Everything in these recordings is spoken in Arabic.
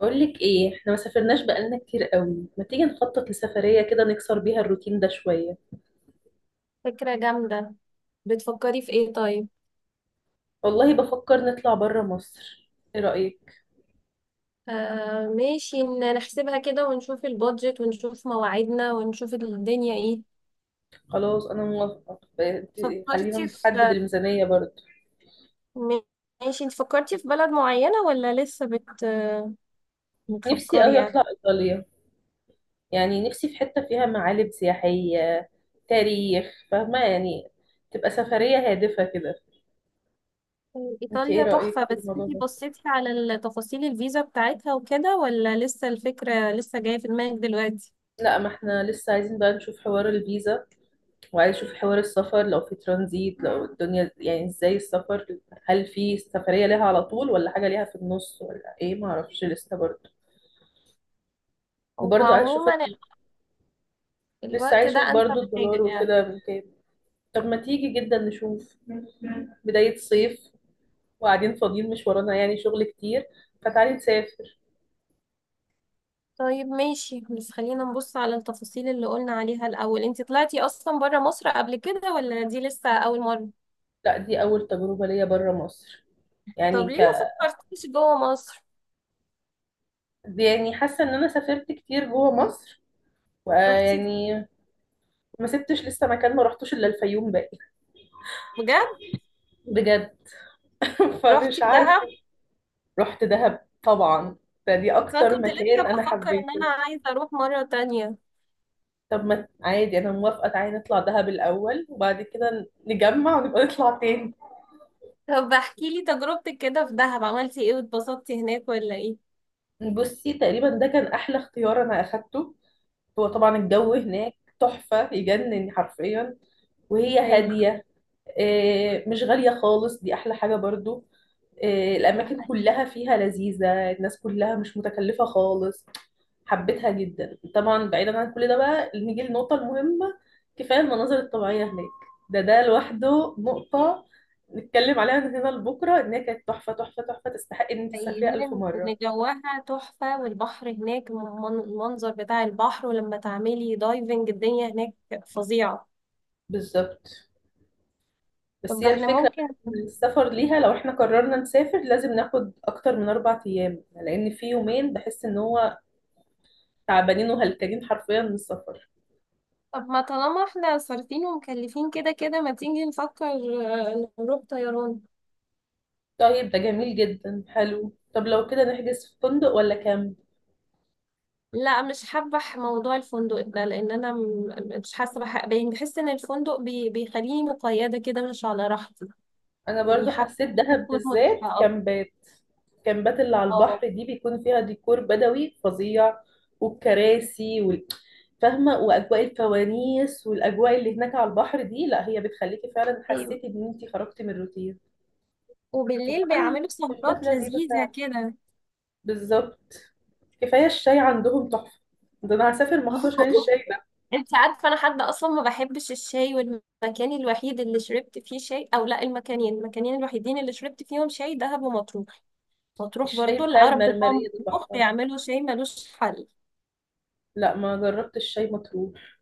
بقول لك ايه، احنا ما سافرناش بقالنا كتير قوي. ما تيجي نخطط لسفرية كده نكسر بيها الروتين ده شوية. فكرة جامدة. بتفكري في ايه طيب؟ والله بفكر نطلع بره مصر. ايه رأيك؟ آه ماشي، نحسبها كده ونشوف البادجت ونشوف مواعيدنا ونشوف الدنيا ايه. خلاص انا موافقة، خلينا فكرتي نحدد في. الميزانية برضه. م- ماشي، انت فكرتي في بلد معينة ولا لسه نفسي بتفكري قوي يعني؟ اطلع ايطاليا. يعني نفسي في حتة فيها معالم سياحية، تاريخ، فاهمة؟ يعني تبقى سفرية هادفة كده. انت ايه ايطاليا تحفة، رأيك في بس الموضوع انت ده؟ بصيتي على تفاصيل الفيزا بتاعتها وكده، ولا لسه الفكرة لسه جاية في دماغك دلوقتي؟ لا، ما احنا لسه عايزين بقى نشوف حوار الفيزا، وعايز اشوف حوار السفر، لو في ترانزيت، لو الدنيا يعني ازاي السفر. هل في سفرية ليها على طول ولا حاجة ليها في النص ولا ايه؟ ما اعرفش لسه برضه. هو وبرضه عايز اشوف عموما ال- لسه الوقت عايز ده اشوف انسب برضه الدولار حاجة يعني. وكده من كام. طب ما تيجي جدا نشوف. بداية صيف، وقاعدين فاضيين، مش ورانا يعني شغل كتير، فتعالي نسافر. طيب ماشي، بس خلينا نبص على التفاصيل اللي قلنا عليها الأول. انت طلعتي أصلا برا مصر قبل كده، ولا دي لسه أول مرة؟ لا، دي أول تجربة ليا برا مصر. طب يعني ليه ك ما فكرتيش جوه مصر؟ دي يعني حاسة إن أنا سافرت كتير جوا مصر، رحتي؟ ويعني ما سبتش لسه مكان ما رحتوش إلا الفيوم باقي. بجد؟ بجد. رحتي فمش عارفة. دهب؟ رحت دهب طبعا، فدي بس أنا أكتر كنت لسه مكان أنا بفكر إن حبيته. أنا عايزة أروح مرة تانية. طب ما عادي، أنا موافقة، تعالي نطلع دهب الأول وبعد كده نجمع ونبقى نطلع تاني. طب احكي لي تجربتك كده في دهب، عملتي إيه واتبسطتي هناك ولا إيه؟ بصي، تقريبا ده كان أحلى اختيار أنا أخدته. هو طبعا الجو مم، هناك تحفة يجنن حرفيا، وهي أيوه، هادية. آه، مش غالية خالص، دي أحلى حاجة برضو. آه، الأماكن ده كلها فيها لذيذة، الناس كلها مش متكلفة خالص. حبيتها جدا طبعا. بعيدا عن كل ده بقى، نيجي للنقطة المهمة. كفاية المناظر الطبيعية هناك. ده لوحده نقطة نتكلم عليها من هنا لبكرة، إن هي كانت تحفة تحفة تحفة، تستحق إن أنت حقيقي تسافريها ألف لأن مرة جواها تحفة والبحر هناك، المنظر بتاع البحر، ولما تعملي دايفنج الدنيا هناك فظيعة. بالظبط. بس طب هي احنا الفكرة ممكن. إن السفر ليها، لو إحنا قررنا نسافر لازم ناخد أكتر من 4 أيام، لأن في يومين بحس إن هو تعبانين وهلكانين حرفيا من السفر. طب ما طالما احنا صارفين ومكلفين كده كده ما تيجي نفكر، نروح طيران. طيب، ده جميل جدا حلو. طب لو كده نحجز في فندق ولا كامب؟ لا، مش حابة، موضوع الفندق ده، لان انا مش حاسة يعني بحس ان الفندق بيخليني مقيدة كده، مش على راحتي. انا يعني برضو حابة حسيت دهب تكون بالذات مريحة اكتر. كامبات. الكامبات اللي على اه، البحر دي بيكون فيها ديكور بدوي فظيع. والكراسي فاهمة؟ وأجواء الفوانيس والأجواء اللي هناك على البحر دي، لا هي بتخليكي فعلا ايوه، حسيتي إن أنتي خرجتي من الروتين. وبالليل وكمان بيعملوا كامبات سهرات لذيذة لذيذة فعلا. كده. بالظبط. كفاية الشاي عندهم تحفة. ده أنا هسافر مخصوص عشان الشاي. انت عارفة انا حد اصلا ما بحبش الشاي، والمكان الوحيد اللي شربت فيه شاي، او لا المكانين الوحيدين اللي شربت فيهم شاي، دهب ومطروح. مطروح الشاي برضو، بتاع العرب بتوع المرمرية ده مطروح تحفة. بيعملوا شاي ملوش حل. لا، ما جربت الشاي مطروح.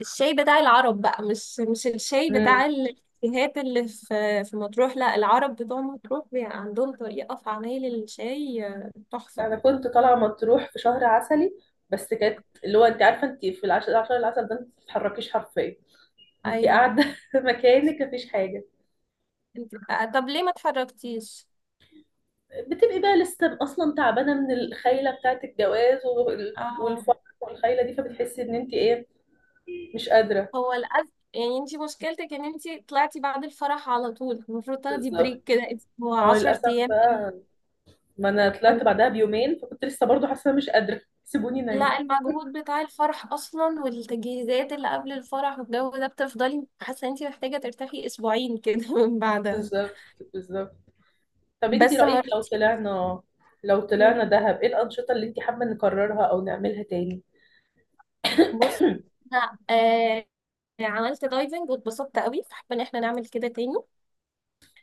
الشاي بتاع العرب بقى مش الشاي امم بتاع الكافيهات اللي في مطروح. لا، العرب بتوع مطروح عندهم طريقة في عمايل الشاي، تحفة. انا كنت طالعة مطروح في شهر عسلي. بس كانت اللي هو انت عارفة، انت في العشر العسل ده، انت ما بتتحركيش حرفيا. انت أيوة. قاعدة في مكانك، مفيش حاجة. انت، طب ليه ما اتحركتيش؟ بتبقي بقى لسه اصلا تعبانة من الخيلة بتاعة الجواز اه. والفرح والخيلة دي، فبتحسي ان انت ايه، مش قادرة. هو الأز يعني انت مشكلتك ان انت طلعتي بعد الفرح على طول. المفروض تاخدي بريك كده بالظبط، ما اسبوع هو للأسف 10 أيام. بقى. ما انا طلعت بعدها بيومين، فكنت لسه برضه حاسة مش قادرة. سيبوني نايم. لا، المجهود بتاع الفرح اصلا والتجهيزات اللي قبل الفرح والجو ده، بتفضلي حاسه ان انت محتاجه ترتاحي اسبوعين كده من بعدها. بالظبط بالظبط. طب انت بس ما رأيك رحتي. لو طلعنا دهب، ايه الأنشطة اللي انت حابة نكررها او نعملها تاني؟ بص، انا عملت دايفنج واتبسطت قوي، فحابه ان احنا نعمل كده تاني.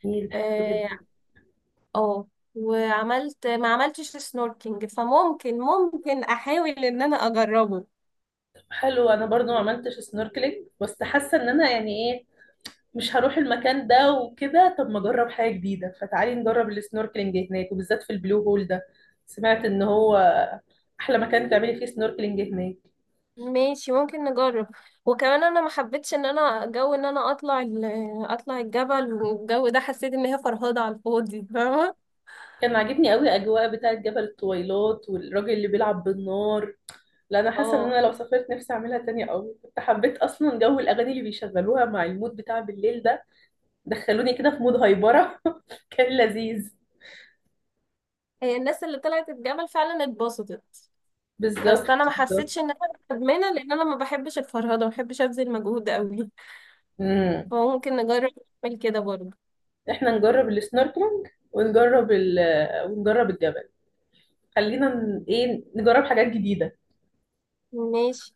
نيل حلو جدا. اه. آه. وعملت ما عملتش سنوركينج، فممكن احاول ان انا اجربه. طب حلو. انا برضو ما عملتش سنوركلينج، بس حاسة ان انا يعني ايه، مش هروح المكان ده وكده، طب ما اجرب حاجة جديدة، فتعالي نجرب السنوركلينج هناك وبالذات في البلو هول ده. سمعت ان هو احلى مكان تعملي فيه سنوركلينج هناك. ماشي، ممكن نجرب. وكمان انا ما حبيتش ان انا جو ان انا اطلع الجبل، والجو ده حسيت ان هي فرهضة على الفاضي، فاهمة؟ كان عاجبني قوي اجواء بتاعة جبل الطويلات، والراجل اللي بيلعب بالنار. لا، انا حاسه ان اه، انا لو سافرت نفسي اعملها تاني قوي. كنت حبيت اصلا جو الاغاني اللي بيشغلوها مع المود بتاع بالليل ده. دخلوني كده في مود هايبره. كان لذيذ. هي الناس اللي طلعت الجبل فعلا اتبسطت. بس بالظبط انا ما بالظبط. حسيتش ان انا مدمنة، لان انا ما بحبش الفرهضة، ما بحبش ابذل مجهود قوي. امم فممكن نجرب نعمل كده برضه. احنا نجرب السنوركلينج ونجرب ونجرب الجبل. خلينا ن- ايه نجرب حاجات جديده. ماشي.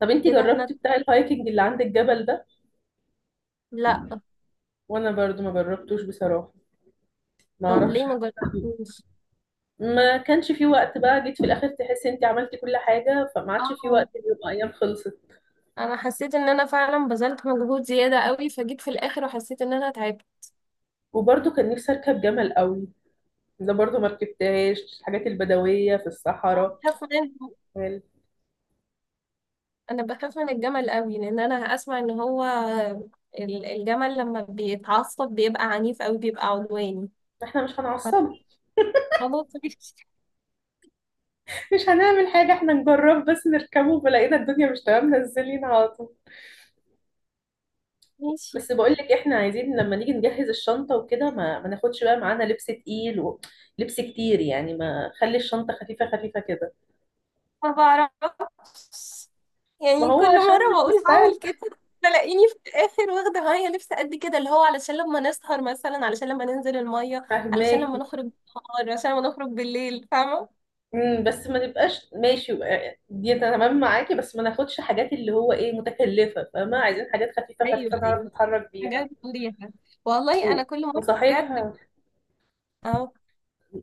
طب انتي كده احنا. جربتي بتاع الهايكنج اللي عند الجبل ده؟ لا. وانا برضو ما جربتوش بصراحه، ما طب اعرفش ليه ما حاجة فيه. جربتوش؟ ما كانش في وقت بقى، جيت في الاخر تحسي انتي عملتي كل حاجه، فما عادش في اه، وقت، اليوم ايام خلصت. انا حسيت ان انا فعلا بذلت مجهود زيادة قوي، فجيت في الاخر وحسيت ان انا تعبت. وبرضه كان نفسي اركب جمل قوي. ده برضه ما ركبتهاش، الحاجات البدويه في الصحراء. أخاف منهم. قال، انا بخاف من الجمل قوي، لان انا اسمع ان هو الجمل لما بيتعصب بيبقى عنيف قوي، بيبقى عدواني. احنا مش ف- هنعصب. خلاص ماشي. مش هنعمل حاجه، احنا نجرب بس نركبه، وبلاقينا الدنيا مش تمام نزلين على طول. ماشي. بس بقول لك، احنا عايزين لما نيجي نجهز الشنطه وكده ما ناخدش بقى معانا لبس تقيل ولبس كتير، يعني ما خلي الشنطه خفيفه خفيفه كده. ما بعرفش، ما يعني هو كل عشان مرة مش بقول مستاهل. هعمل كده، تلاقيني في الآخر واخدة معايا لبس قد كده، اللي هو علشان لما نسهر مثلا، علشان لما ننزل المية، علشان لما فهماكي. نخرج بالنهار، علشان لما نخرج بالليل، فاهمة؟ بس ما نبقاش ماشي. آه، دي أنا تمام معاكي، بس ما ناخدش حاجات اللي هو ايه متكلفة، فاهمة؟ عايزين حاجات خفيفة خفيفة ايوه، نعرف ايوه، نتحرك حاجات بيها. مريحة. والله و- أنا كل مرة وصحيح، بجد. أهو.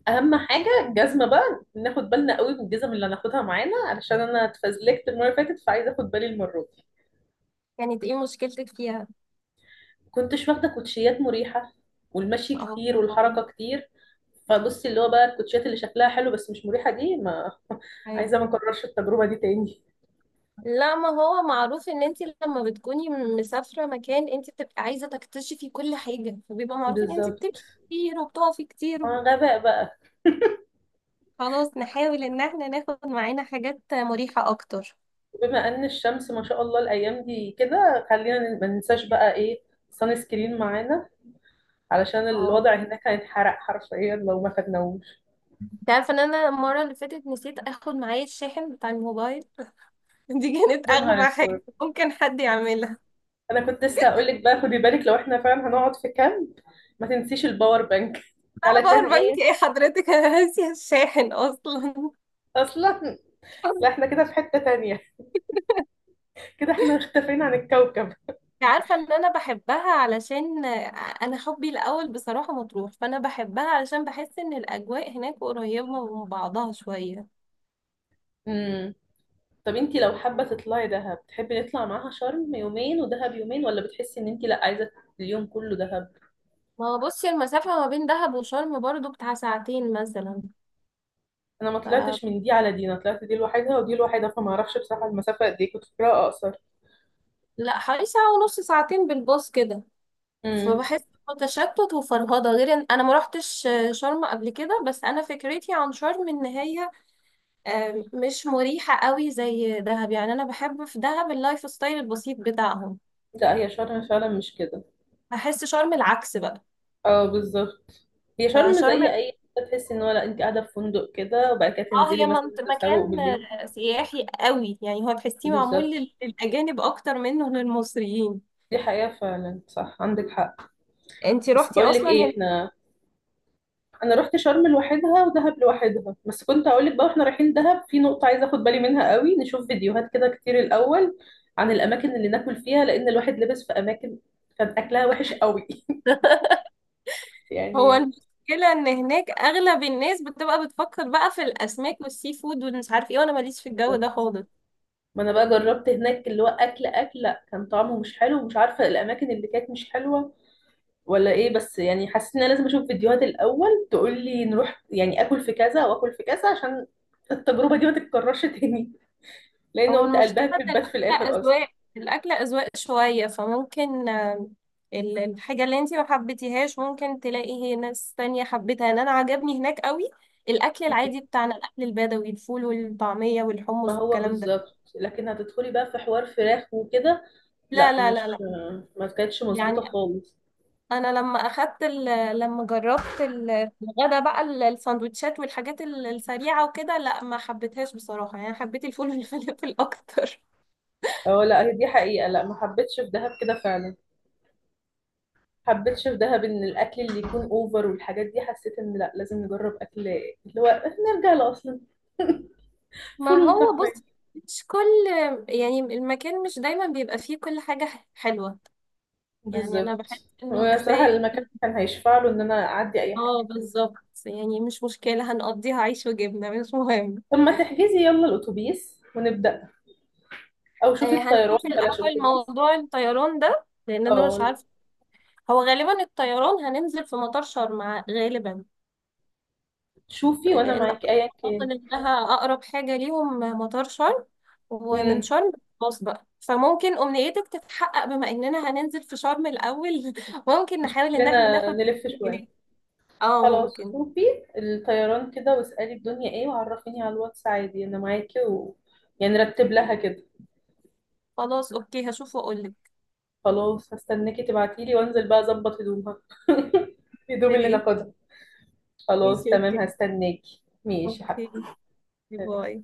اهم حاجة الجزمة بقى ناخد بالنا قوي من الجزم اللي هناخدها معانا، علشان انا اتفزلكت المرة اللي فاتت، فعايزة اخد بالي المرة دي. يعني إنت إيه مشكلتك فيها؟ كنتش واخدة كوتشيات مريحة، والمشي كتير أهو. والحركة كتير. فبصي اللي هو بقى الكوتشيات اللي شكلها حلو بس مش مريحة دي، ما أيوة. عايزة ما اكررش التجربة دي تاني. لا، ما هو معروف ان انت لما بتكوني مسافره مكان، انت بتبقي عايزه تكتشفي كل حاجه، فبيبقى معروف ان انت بالظبط، بتمشي كتير وبتقفي كتير ما وب- غباء بقى. خلاص، نحاول ان احنا ناخد معانا حاجات مريحه اكتر. بما ان الشمس ما شاء الله الايام دي كده، خلينا ما ننساش بقى سان سكرين معانا، علشان اه، الوضع هناك هيتحرق حرفيا لو ما خدناهوش. انت عارفه ان انا المره اللي فاتت نسيت اخد معايا الشاحن بتاع الموبايل. دي كانت يا اغبى نهار حاجه اسود! ممكن حد يعملها. انا كنت لسه هقول لك بقى، خدي بالك لو احنا فعلا هنقعد في كامب، ما تنسيش الباور بانك لا، علشان باور بانك ايه. ايه حضرتك؟ انا ناسيه الشاحن اصلا. اصلا. لا، احنا كده في حتة تانية، كده احنا اختفينا عن الكوكب. عارفة ان انا بحبها، علشان انا حبي الاول بصراحة مطروح، فانا بحبها علشان بحس ان الاجواء هناك قريبة من بعضها شوية. امم طب انتي لو حابة تطلعي دهب، تحبي نطلع معاها شرم يومين ودهب يومين، ولا بتحسي ان انتي لا، عايزة اليوم كله دهب؟ ما هو بصي، المسافة ما بين دهب وشرم برضو بتاع ساعتين مثلا. انا ما ف... طلعتش من دي على دي، انا طلعت دي لوحدها ودي لوحدها، فما اعرفش بصراحه المسافه قد ايه، كنت فاكراها اقصر. لا حوالي ساعة ونص، ساعتين بالباص كده. امم فبحس إنه تشتت وفرهضة، غير ان انا ما روحتش شرم قبل كده، بس انا فكرتي عن شرم ان هي مش مريحة قوي زي دهب. يعني انا بحب في دهب اللايف ستايل البسيط بتاعهم. لا، هي شرم فعلا مش كده. بحس شرم العكس بقى. اه، بالظبط. هي شرم فشرم، زي اي حتة تحسي ان هو لا، انت قاعده في فندق كده، وبعد كده اه، تنزلي هي مثلا تسوق مكان بالليل. سياحي قوي، يعني هو تحسيه معمول بالظبط، للأجانب أكتر منه للمصريين. دي حقيقه فعلا، صح عندك حق. انتي بس روحتي بقول لك أصلا ايه، هناك؟ انا رحت شرم لوحدها ودهب لوحدها، بس كنت هقول لك بقى، واحنا رايحين دهب في نقطه عايزه اخد بالي منها قوي، نشوف فيديوهات كده كتير الاول عن الاماكن اللي ناكل فيها، لان الواحد لبس في اماكن كان اكلها وحش قوي. هو يعني. المشكلة إن هناك أغلب الناس بتبقى بتفكر بقى في الأسماك والسي فود ومش عارف ايه، وأنا ماليش في الجو ده خالص. ما انا بقى جربت هناك اللي هو اكل، لا كان طعمه مش حلو، ومش عارفه الاماكن اللي كانت مش حلوه ولا ايه، بس يعني حسيت ان انا لازم اشوف فيديوهات الاول تقول لي نروح يعني اكل في كذا واكل في كذا، عشان التجربه دي ما تتكررش تاني. لان هو قمت قلبها المشكلة في إن البات في الاخر اصلا. الأكل أذواق شوية، فممكن الحاجة اللي انتي ما حبيتيهاش ممكن تلاقي ناس تانية حبيتها. يعني أنا عجبني هناك قوي. الأكل العادي بتاعنا، الأكل البدوي، الفول والطعمية ما والحمص هو والكلام ده. بالظبط، لكن هتدخلي بقى في حوار فراخ وكده. لا، لا، لا، لا، لا. مش ما كانتش يعني مظبوطة خالص. أنا لما جربت الغدا بقى السندوتشات والحاجات السريعة وكده. لا، ما حبيتهاش بصراحة، يعني حبيت الفول والفلافل أكتر. اه لا، هي دي حقيقة، لا ما حبيتش في دهب كده فعلا، ما حبيتش في دهب ان الاكل اللي يكون اوفر والحاجات دي، حسيت ان لا لازم نجرب اكل اللي هو نرجع لاصلا. ما فول هو وطعمية. بص، مش كل، يعني المكان مش دايما بيبقى فيه كل حاجة حلوة. يعني أنا بحس بالظبط، إنه وبصراحة كفاية. المكان كان هيشفع له ان انا اعدي اي اه حاجة. بالظبط، يعني مش مشكلة، هنقضيها عيش وجبنة، مش مهم. طب ما تحجزي يلا الاتوبيس ونبدأ، او آه، شوفي هنشوف الطيران بلاش الأول اتوبيس. موضوع الطيران ده، لأن أنا او مش عارفة. هو غالبا الطيران هننزل في مطار شرم، غالبا. شوفي وانا لأن معاكي ايا أعتقد إنها أقرب حاجة ليهم مطار شرم. ومن كان، شرم خلاص بقى، فممكن أمنيتك تتحقق بما إننا هننزل في شرم الأول. ممكن مش نحاول إن احنا كلنا ناخد نلف شوية. جنيه. اه، خلاص ممكن. شوفي الطيران كده، واسألي الدنيا ايه، وعرفيني على الواتس عادي، انا معاكي يعني رتب لها كده. خلاص، أوكي هشوف وأقولك. خلاص هستناكي تبعتيلي، وانزل بقى اظبط هدومها، الهدوم اللي أوكي، ناخدها. خلاص ماشي، تمام، أوكي، هستناكي، ماشي يا أوكي، حبيبتي. باي.